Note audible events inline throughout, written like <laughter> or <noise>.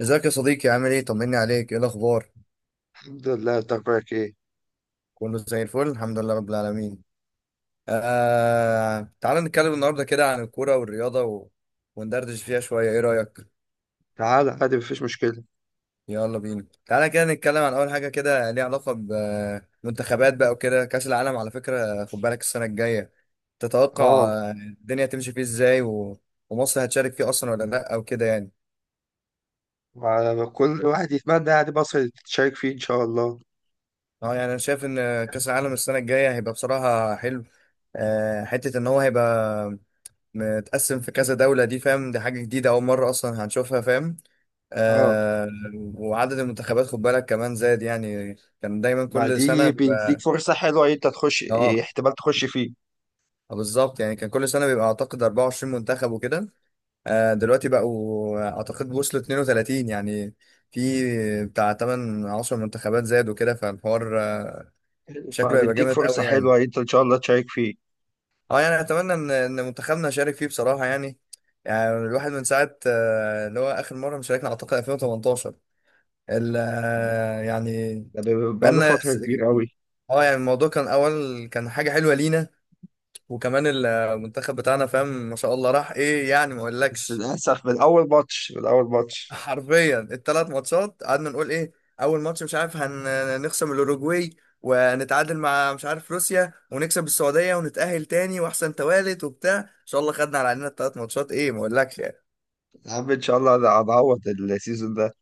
ازيك يا صديقي، عامل ايه؟ طمني عليك، ايه الاخبار؟ الحمد لله. انت اخبارك ايه؟ كله زي الفل، الحمد لله رب العالمين. تعال نتكلم النهارده كده عن الكوره والرياضه وندردش فيها شويه، ايه رايك؟ تعال، عادي، مفيش مشكلة. يلا بينا، تعالى كده نتكلم عن اول حاجه كده ليها علاقه بمنتخبات بقى وكده. كاس العالم على فكره، خد بالك السنه الجايه تتوقع اه. الدنيا تمشي فيه ازاي، ومصر هتشارك فيه اصلا ولا لا، او كده يعني؟ كل واحد يتمنى يعني مصر تشارك فيه ان شاء الله. اه يعني انا شايف ان كاس العالم السنه الجايه هيبقى بصراحه حلو. حته ان هو هيبقى متقسم في كذا دولة، دي فاهم؟ دي حاجة جديدة، أول مرة أصلا هنشوفها، فاهم؟ اه، آه. وعدد المنتخبات خد بالك كمان زاد يعني، كان دايما ما كل سنة دي بيديك بيبقى... فرصة حلوة انت تخش. اه احتمال تخش فيه. بالظبط، يعني كان كل سنة بيبقى أعتقد 24 منتخب وكده. آه، دلوقتي بقوا أعتقد وصلوا 32 يعني، في بتاع 8 10 منتخبات زاد وكده، فالحوار شكله هيبقى فبيديك جامد فرصة قوي يعني. حلوة انت ان شاء الله تشارك فيه. اه يعني أتمنى إن منتخبنا يشارك فيه بصراحة يعني. يعني الواحد من ساعة اللي هو آخر مرة مشاركنا أعتقد 2018، ال يعني ده بقاله بقالنا فترة س- كبيرة أوي. اه يعني الموضوع كان اول، كان حاجه حلوه لينا، وكمان المنتخب بتاعنا فاهم، ما شاء الله راح ايه يعني، ما بس اقولكش. للأسف، من أول ماتش من أول <laughs> ماتش حرفيا الـ3 ماتشات قعدنا نقول ايه، اول ماتش مش عارف هنخصم الاوروجواي، ونتعادل مع مش عارف روسيا، ونكسب السعوديه ونتاهل تاني واحسن توالت وبتاع ان شاء الله، خدنا على عيننا الـ3 ماتشات، ايه ما اقولكش يعني. يا عم، إن شاء الله أنا هنعوض السيزون ده.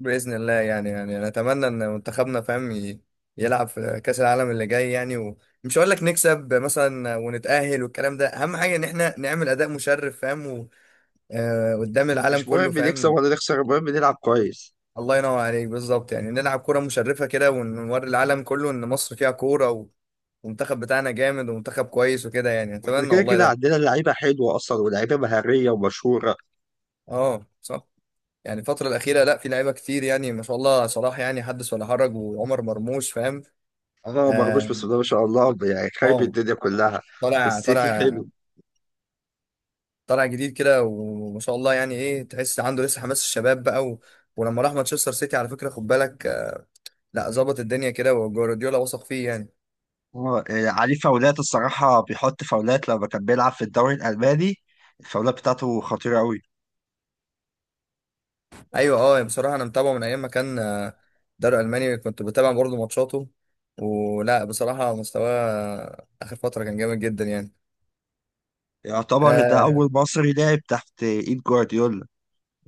بإذن الله يعني، يعني أنا أتمنى إن منتخبنا، فاهم؟ يلعب في كأس العالم اللي جاي يعني، ومش هقول لك نكسب مثلا ونتأهل والكلام ده، أهم حاجة إن إحنا نعمل أداء مشرف، فاهم؟ قدام العالم مش كله، مهم نكسب فاهم؟ ولا نخسر، المهم نلعب كويس. الله ينور عليك، بالظبط يعني نلعب كرة مشرفة كده ونوري العالم كله إن مصر فيها كورة، والمنتخب بتاعنا جامد، ومنتخب كويس وكده يعني، واحنا أتمنى كده والله كده ده. عندنا لعيبة حلوة أصلا، ولعيبة مهارية ومشهورة. أه صح. يعني الفترة الأخيرة لا، في لعيبة كتير يعني، ما شاء الله صلاح يعني حدث ولا حرج، وعمر مرموش، فاهم؟ اه، مرموش اه. بس ده ما شاء الله، يعني خايب آه. الدنيا كلها. في طالع السيتي طالع، حلو. طالع جديد كده، وما شاء الله يعني ايه، تحس عنده لسه حماس الشباب بقى ولما راح مانشستر سيتي على فكره خد بالك، لا ظبط الدنيا كده، وجوارديولا وثق فيه يعني. اه، عليه فاولات، الصراحة بيحط فاولات لما كان بيلعب في الدوري الألماني. الفاولات بتاعته خطيرة أوي. ايوه اه، بصراحه انا متابعه من ايام ما كان دوري الماني كنت بتابع برضه ماتشاته، ولا بصراحه مستواه اخر فتره كان جامد جدا يعني. يعتبر ده آه، أول مصري لعب تحت إيد جوارديولا.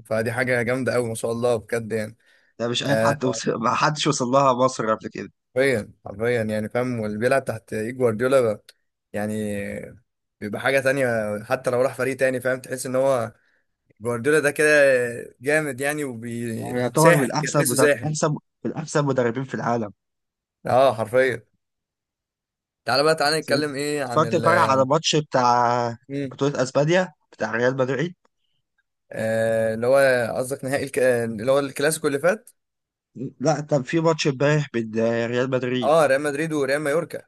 فدي حاجه جامده قوي ما شاء الله بجد يعني. ده مش أي حد آه، وصل. <laughs> ما حدش وصل لها مصر قبل كده. حرفيا حرفيا يعني فاهم، واللي بيلعب تحت ايد جوارديولا بقى، يعني بيبقى حاجة تانية. حتى لو راح فريق تاني، فاهم؟ تحس ان هو جوارديولا ده كده جامد يعني، هو يعتبر وبيساحر كده، تحسه ساحر. من أحسن مدربين في العالم. اه حرفيا. تعالى بقى، نتكلم ايه عن اتفرجت امبارح على ماتش بتاع مم. بطولة أسبانيا بتاع ريال مدريد. آه، اللي هو قصدك نهائي اللي هو الكلاسيكو اللي فات؟ لا، كان في ماتش امبارح بين ريال مدريد. اه، ريال مدريد وريال مايوركا.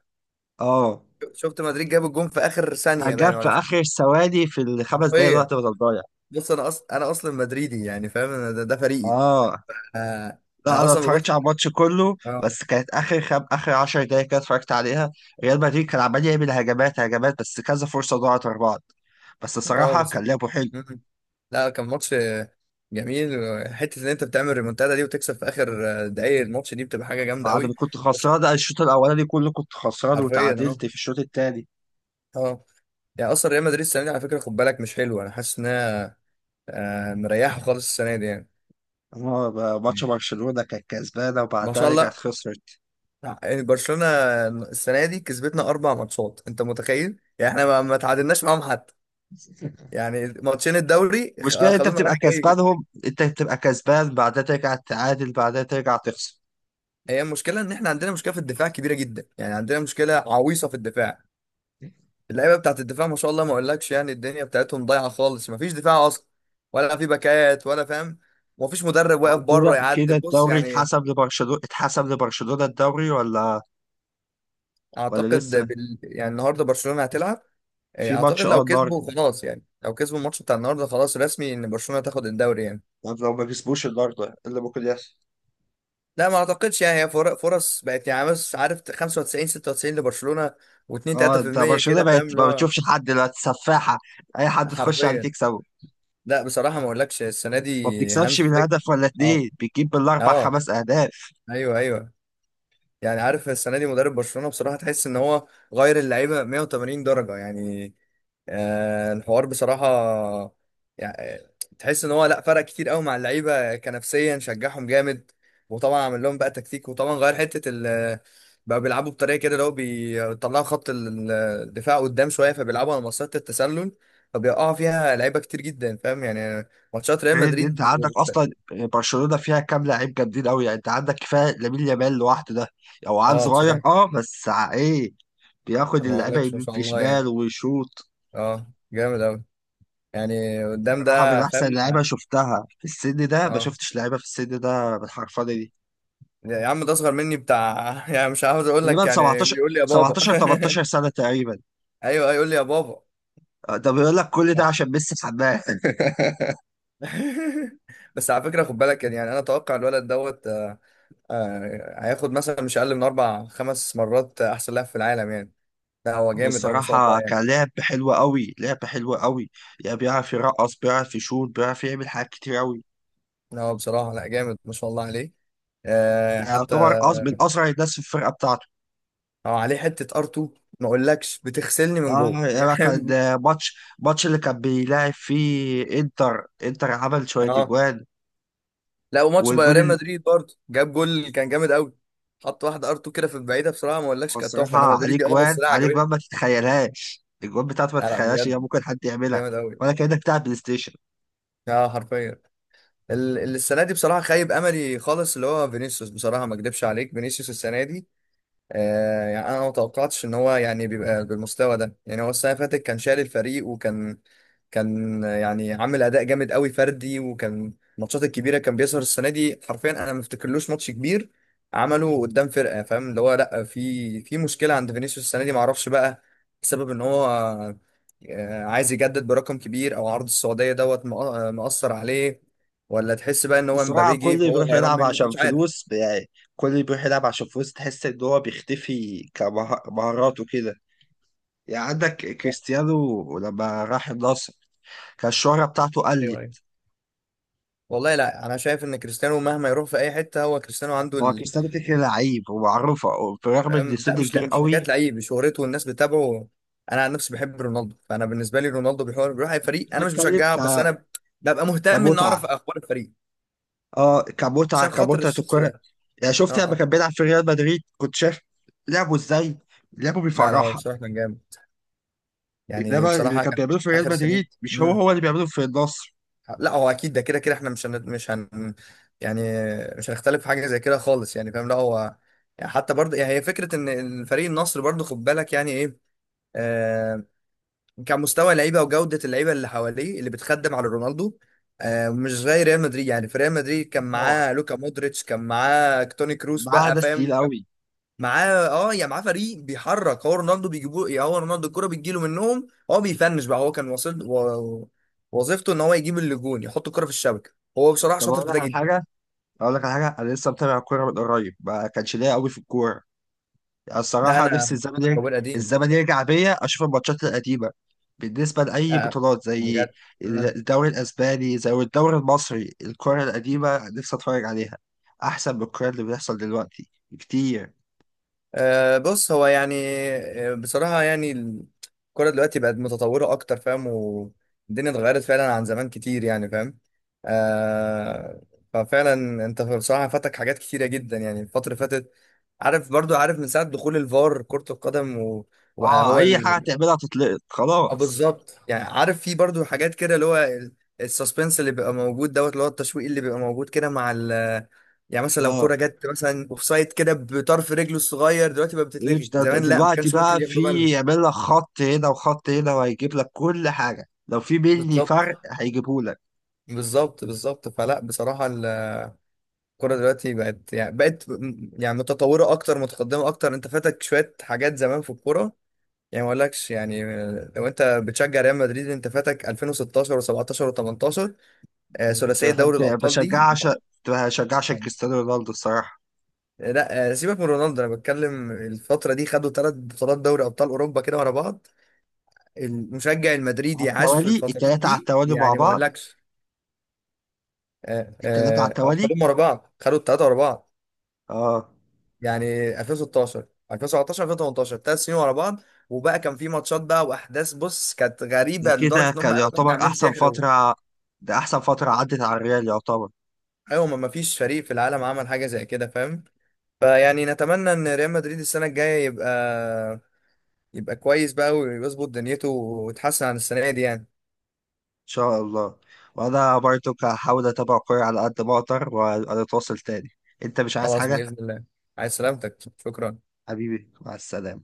اه، شفت مدريد جاب الجون في اخر ده ثانية باين جاب في ولا مش؟ اخر ثواني، في الخمس دقايق حرفيا. الوقت بدل ضايع. بص انا اصلا مدريدي يعني فاهم، أنا ده، فريقي. اه، آه. لا انا انا ما اصلا اتفرجتش ببص. على الماتش كله، اه بس كانت اخر 10 دقايق كده اتفرجت عليها. ريال مدريد كان عمال يعمل هجمات هجمات، بس كذا فرصه ضاعت ورا بعض. بس اه، صراحه بس. كان لعبه حلو. مم. لا كان ماتش جميل، وحته ان انت بتعمل ريمونتادا دي وتكسب في اخر دقايق الماتش دي، بتبقى حاجه جامده بعد ما قوي. كنت بس خسران الشوط الاولاني كله كنت خسران، حرفيا، اه. وتعادلت في الشوط الثاني. اه يعني اصلا ريال مدريد السنه دي على فكره خد بالك مش حلوه، انا حاسس انها مريحه خالص السنه دي يعني. ماتش برشلونه كانت كسبانه، ما شاء وبعدها رجعت الله. خسرت. يعني برشلونه السنه دي كسبتنا 4 ماتشات، انت متخيل يعني؟ احنا ما ما تعادلناش معاهم حتى. يعني ماتشين الدوري المشكله إن انت خدونا بتبقى رايح جاي كده. كسبانهم انت بتبقى كسبان، بعدها ترجع تعادل، بعدها ترجع تخسر. هي المشكله ان احنا عندنا مشكله في الدفاع كبيره جدا يعني، عندنا مشكله عويصه في الدفاع. اللعيبه بتاعت الدفاع ما شاء الله، ما اقولكش يعني، الدنيا بتاعتهم ضايعه خالص، ما فيش دفاع اصلا، ولا في باكات ولا فاهم، وما فيش مدرب واقف هو بره كده يعدي، كده، بص الدوري يعني. اتحسب لبرشلونة اتحسب لبرشلونة الدوري، ولا اعتقد لسه؟ يعني النهارده برشلونه هتلعب. إيه، في ماتش اعتقد لو النهارده. كسبوا خلاص يعني، لو كسبوا الماتش بتاع النهارده خلاص رسمي ان برشلونه تاخد الدوري يعني. طب لو ما كسبوش النهارده، إيه اللي ممكن يحصل؟ لا ما اعتقدش يعني، هي فرص بقت يعني، بس عارف 95 96 لبرشلونه، و2 اه، انت 3% برشلونة كده، بقت فاهم؟ اللي ما هو بتشوفش حد دلوقتي، سفاحة. اي حد تخش عليه حرفيا. تكسبه. لا بصراحه ما اقولكش السنه ما دي بتكسبش هانز من فليك، هدف ولا اه اتنين، بتجيب بالاربع اه. خمس اهداف. ايوه ايوه. يعني عارف السنه دي مدرب برشلونه بصراحه تحس ان هو غير اللعيبه 180 درجه يعني. آه، الحوار بصراحه يعني، تحس ان هو لا، فرق كتير قوي مع اللعيبه، كنفسيا شجعهم جامد، وطبعا عمل لهم بقى تكتيك، وطبعا غير حته بقى بيلعبوا بطريقه كده، اللي هو بيطلعوا خط الدفاع قدام شويه، فبيلعبوا على مسطره التسلل، فبيقعوا فيها لعيبه كتير جدا فاهم. يعني ماتشات ريال غير ان انت مدريد، عندك اصلا برشلونة فيها كام لعيب جامدين قوي، يعني انت عندك كفاية لامين يامال لوحده ده. او عيل اه صغير، بصراحه، اه بس ايه. بياخد ما اللعيبه اقولكش ما يمين شاء في الله شمال يعني، ويشوط. اه جامد قوي يعني قدام صراحة، من ده، أحسن فاهم؟ لعيبة شفتها في السن ده، ما اه شفتش لعيبة في السن ده بالحرفنة دي. يا عم، ده اصغر مني بتاع <laughs> يعني، مش عاوز اقول لك تقريبا يعني، 17، يقول لي يا بابا. 17 18 سنة تقريبا. <laughs> ايوه يقول لي يا بابا. آه، ده بيقول لك كل ده عشان ميسي حماه. <laughs> بس على فكره خد بالك يعني، انا اتوقع الولد هياخد مثلا مش اقل من 4 5 مرات احسن لاعب في العالم يعني. لا هو هو جامد او ما شاء الله الصراحة يعني. كان لعب حلو قوي، لعب حلو قوي. يعني بيعرف يرقص، بيعرف يشوط، بيعرف يعمل حاجات كتير قوي. لا هو بصراحه لا، جامد ما شاء الله عليه. يعني حتى يعتبر من أسرع الناس في الفرقة بتاعته. هو عليه حته ار2، ما اقولكش بتغسلني من اه، جوه <laughs> يعني كان يعني. ماتش اللي كان بيلاعب فيه انتر، عمل شوية اه اجوان. لا، وماتش بايرن ريال والجون. مدريد برضه جاب جول كان جامد قوي، حط واحده ار2 كده في البعيده، بصراحه ما اقولكش هو كانت تحفه، الصراحة انا عليه مدريدي اه جوان بس لا عليه عجبتني. جوان، ما تتخيلهاش الجوان بتاعته، ما لا لا تتخيلهاش إن هي بجد، ممكن حد يعملها. جامد قوي. ولا كأنك بتلعب بلاي ستيشن. اه حرفيا. السنه دي بصراحه خايب املي خالص اللي هو فينيسيوس، بصراحه ما اكدبش عليك، فينيسيوس السنه دي يعني انا ما توقعتش ان هو يعني بيبقى بالمستوى ده يعني. هو السنه اللي فاتت كان شايل الفريق، كان يعني عامل اداء جامد قوي فردي، وكان الماتشات الكبيره كان بيظهر. السنه دي حرفيا انا ما افتكرلوش ماتش كبير عمله قدام فرقه، فاهم؟ اللي هو لا، في مشكله عند فينيسيوس السنه دي، ما اعرفش بقى، بسبب ان هو عايز يجدد برقم كبير، او عرض السعوديه مأثر عليه، ولا تحس بقى بس ان هو الصراحة مبابي جه كله فهو بيروح غيران يلعب منه، انا عشان مش عارف. فلوس، يعني كله بيروح يلعب عشان فلوس، تحس إن هو بيختفي كمهارات وكده. يعني عندك ايوه كريستيانو لما راح النصر، كان الشهرة بتاعته ايوه. قلت. والله لا، انا شايف ان كريستيانو مهما يروح في اي حته هو كريستيانو، عنده هو ال... كريستيانو كده كده لعيب ومعروفة، برغم إن لا سن مش، كبير حكايه قوي. لعيب، شهرته والناس بتتابعه. انا عن نفسي بحب رونالدو، فانا بالنسبه لي رونالدو بيحور، بيروح اي فريق انا مش بتكلم بشجعه، بس انا ببقى مهتم ان كمتعة. اعرف اخبار الفريق اه، كمتعة، عشان خاطر كمتعة الشخص الكرة. ده. يعني اه شفت لما اه. كان بيلعب في ريال مدريد، كنت شايف لعبه ازاي، لعبه لا لا، هو بيفرحها. بصراحه كان جامد يعني، انما اللي بصراحه كان كان بيعمله في ريال اخر مدريد سنين. مش هو مم. هو اللي بيعمله في النصر. لا هو اكيد ده كده كده، احنا مش مش هن يعني مش هنختلف في حاجه زي كده خالص يعني، فاهم؟ لا هو يعني حتى برضه يعني، هي فكره ان الفريق النصر برضه خد بالك، يعني ايه، آه، كمستوى لعيبه، وجوده اللعيبه اللي حواليه اللي بتخدم على رونالدو. آه، مش زي ريال مدريد. يعني في ريال مدريد كان طبعا، معاه لوكا مودريتش، كان معاه توني كروس معاه بقى، ناس تقيل فاهم؟ كان قوي. معاه اه، يا معاه فريق بيحرك، هو رونالدو بيجيبوه، يا هو رونالدو الكرة بتجيله منهم، هو بيفنش بقى. هو كان واصل وظيفته ان هو يجيب الجون، يحط الكرة في الشبكة، هو بصراحة طب شاطر اقول في ده لك على جدا. حاجه اقول لك على حاجه انا لسه متابع الكوره من قريب، ما كانش ليا قوي في الكوره. يعني ده الصراحه نفسي انا الزمن يرجع. كوين قديم. الزمن يرجع بيا اشوف الماتشات القديمه، بالنسبه لاي لا بطولات زي بجد. الدوري الاسباني، زي الدوري المصري، الكوره القديمه نفسي اتفرج عليها، احسن من الكوره اللي بتحصل دلوقتي كتير. أه بص، هو يعني بصراحة يعني الكرة دلوقتي بقت متطورة أكتر، فاهم؟ والدنيا اتغيرت فعلا عن زمان كتير يعني، فاهم؟ أه. ففعلا أنت بصراحة فاتك حاات كتيرة جدا يعني الفترة اللي فاتت، عارف من ساعة دخول الفار كرة القدم، وبقى اه، هو... اي حاجه تعملها تتلقط، اه خلاص. بالظبط يعني، عارف في برضو حاجات كده اللي هو السسبنس اللي بيبقى موجود اللي هو التشويق اللي بيبقى موجود كده مع ال... يعني مثلا لو اه، كرة جت مثلا اوفسايد كده بطرف رجله الصغير دلوقتي بقى مش بتتلغي، زمان لا ما دلوقتي كانش بقى ممكن ياخدوا في بالهم. يعمل لك خط هنا وخط هنا، وهيجيب لك كل حاجه، لو في بيني بالظبط فرق هيجيبه لك. بالظبط بالظبط، فلا بصراحة الكرة دلوقتي بقت يعني، يعني متطورة أكتر، متقدمة أكتر. أنت فاتك شوية حاجات زمان في الكورة يعني، ما أقولكش يعني، لو أنت بتشجع ريال مدريد أنت فاتك 2016 و17 و18، كنت ثلاثية بحب دوري الأبطال دي. بشجع عشان كنت بشجع عشان كريستيانو رونالدو الصراحه. لا سيبك من رونالدو، انا بتكلم الفتره دي، خدوا 3 بطولات دوري ابطال اوروبا كده ورا بعض. المشجع على المدريدي عاش في التوالي، الفترات التلاته على دي التوالي مع يعني، ما بعض. اقولكش. التلاته على التوالي. خدوهم ورا بعض، خدوا الثلاثه ورا بعض. اه، يعني 2016 2017 2018، 3 سنين ورا بعض. وبقى كان في ماتشات بقى واحداث، بص كانت ده غريبه كده لدرجه ان هم كان قالوا إن احنا يعتبر عاملين احسن سحر فتره، ده احسن فتره عدت على الريال، يعتبر ان ايوه، ما ما فيش فريق في العالم عمل حاجه زي كده، فاهم؟ فيعني نتمنى ان ريال مدريد السنه الجايه يبقى... يبقى كويس بقى ويظبط دنيته ويتحسن عن السنة دي يعني. شاء الله. وانا برضو هحاول اتابع كوره على قد ما اقدر، واتواصل تاني. انت مش عايز خلاص حاجه؟ بإذن الله. عايز سلامتك. شكرا. حبيبي، مع السلامة.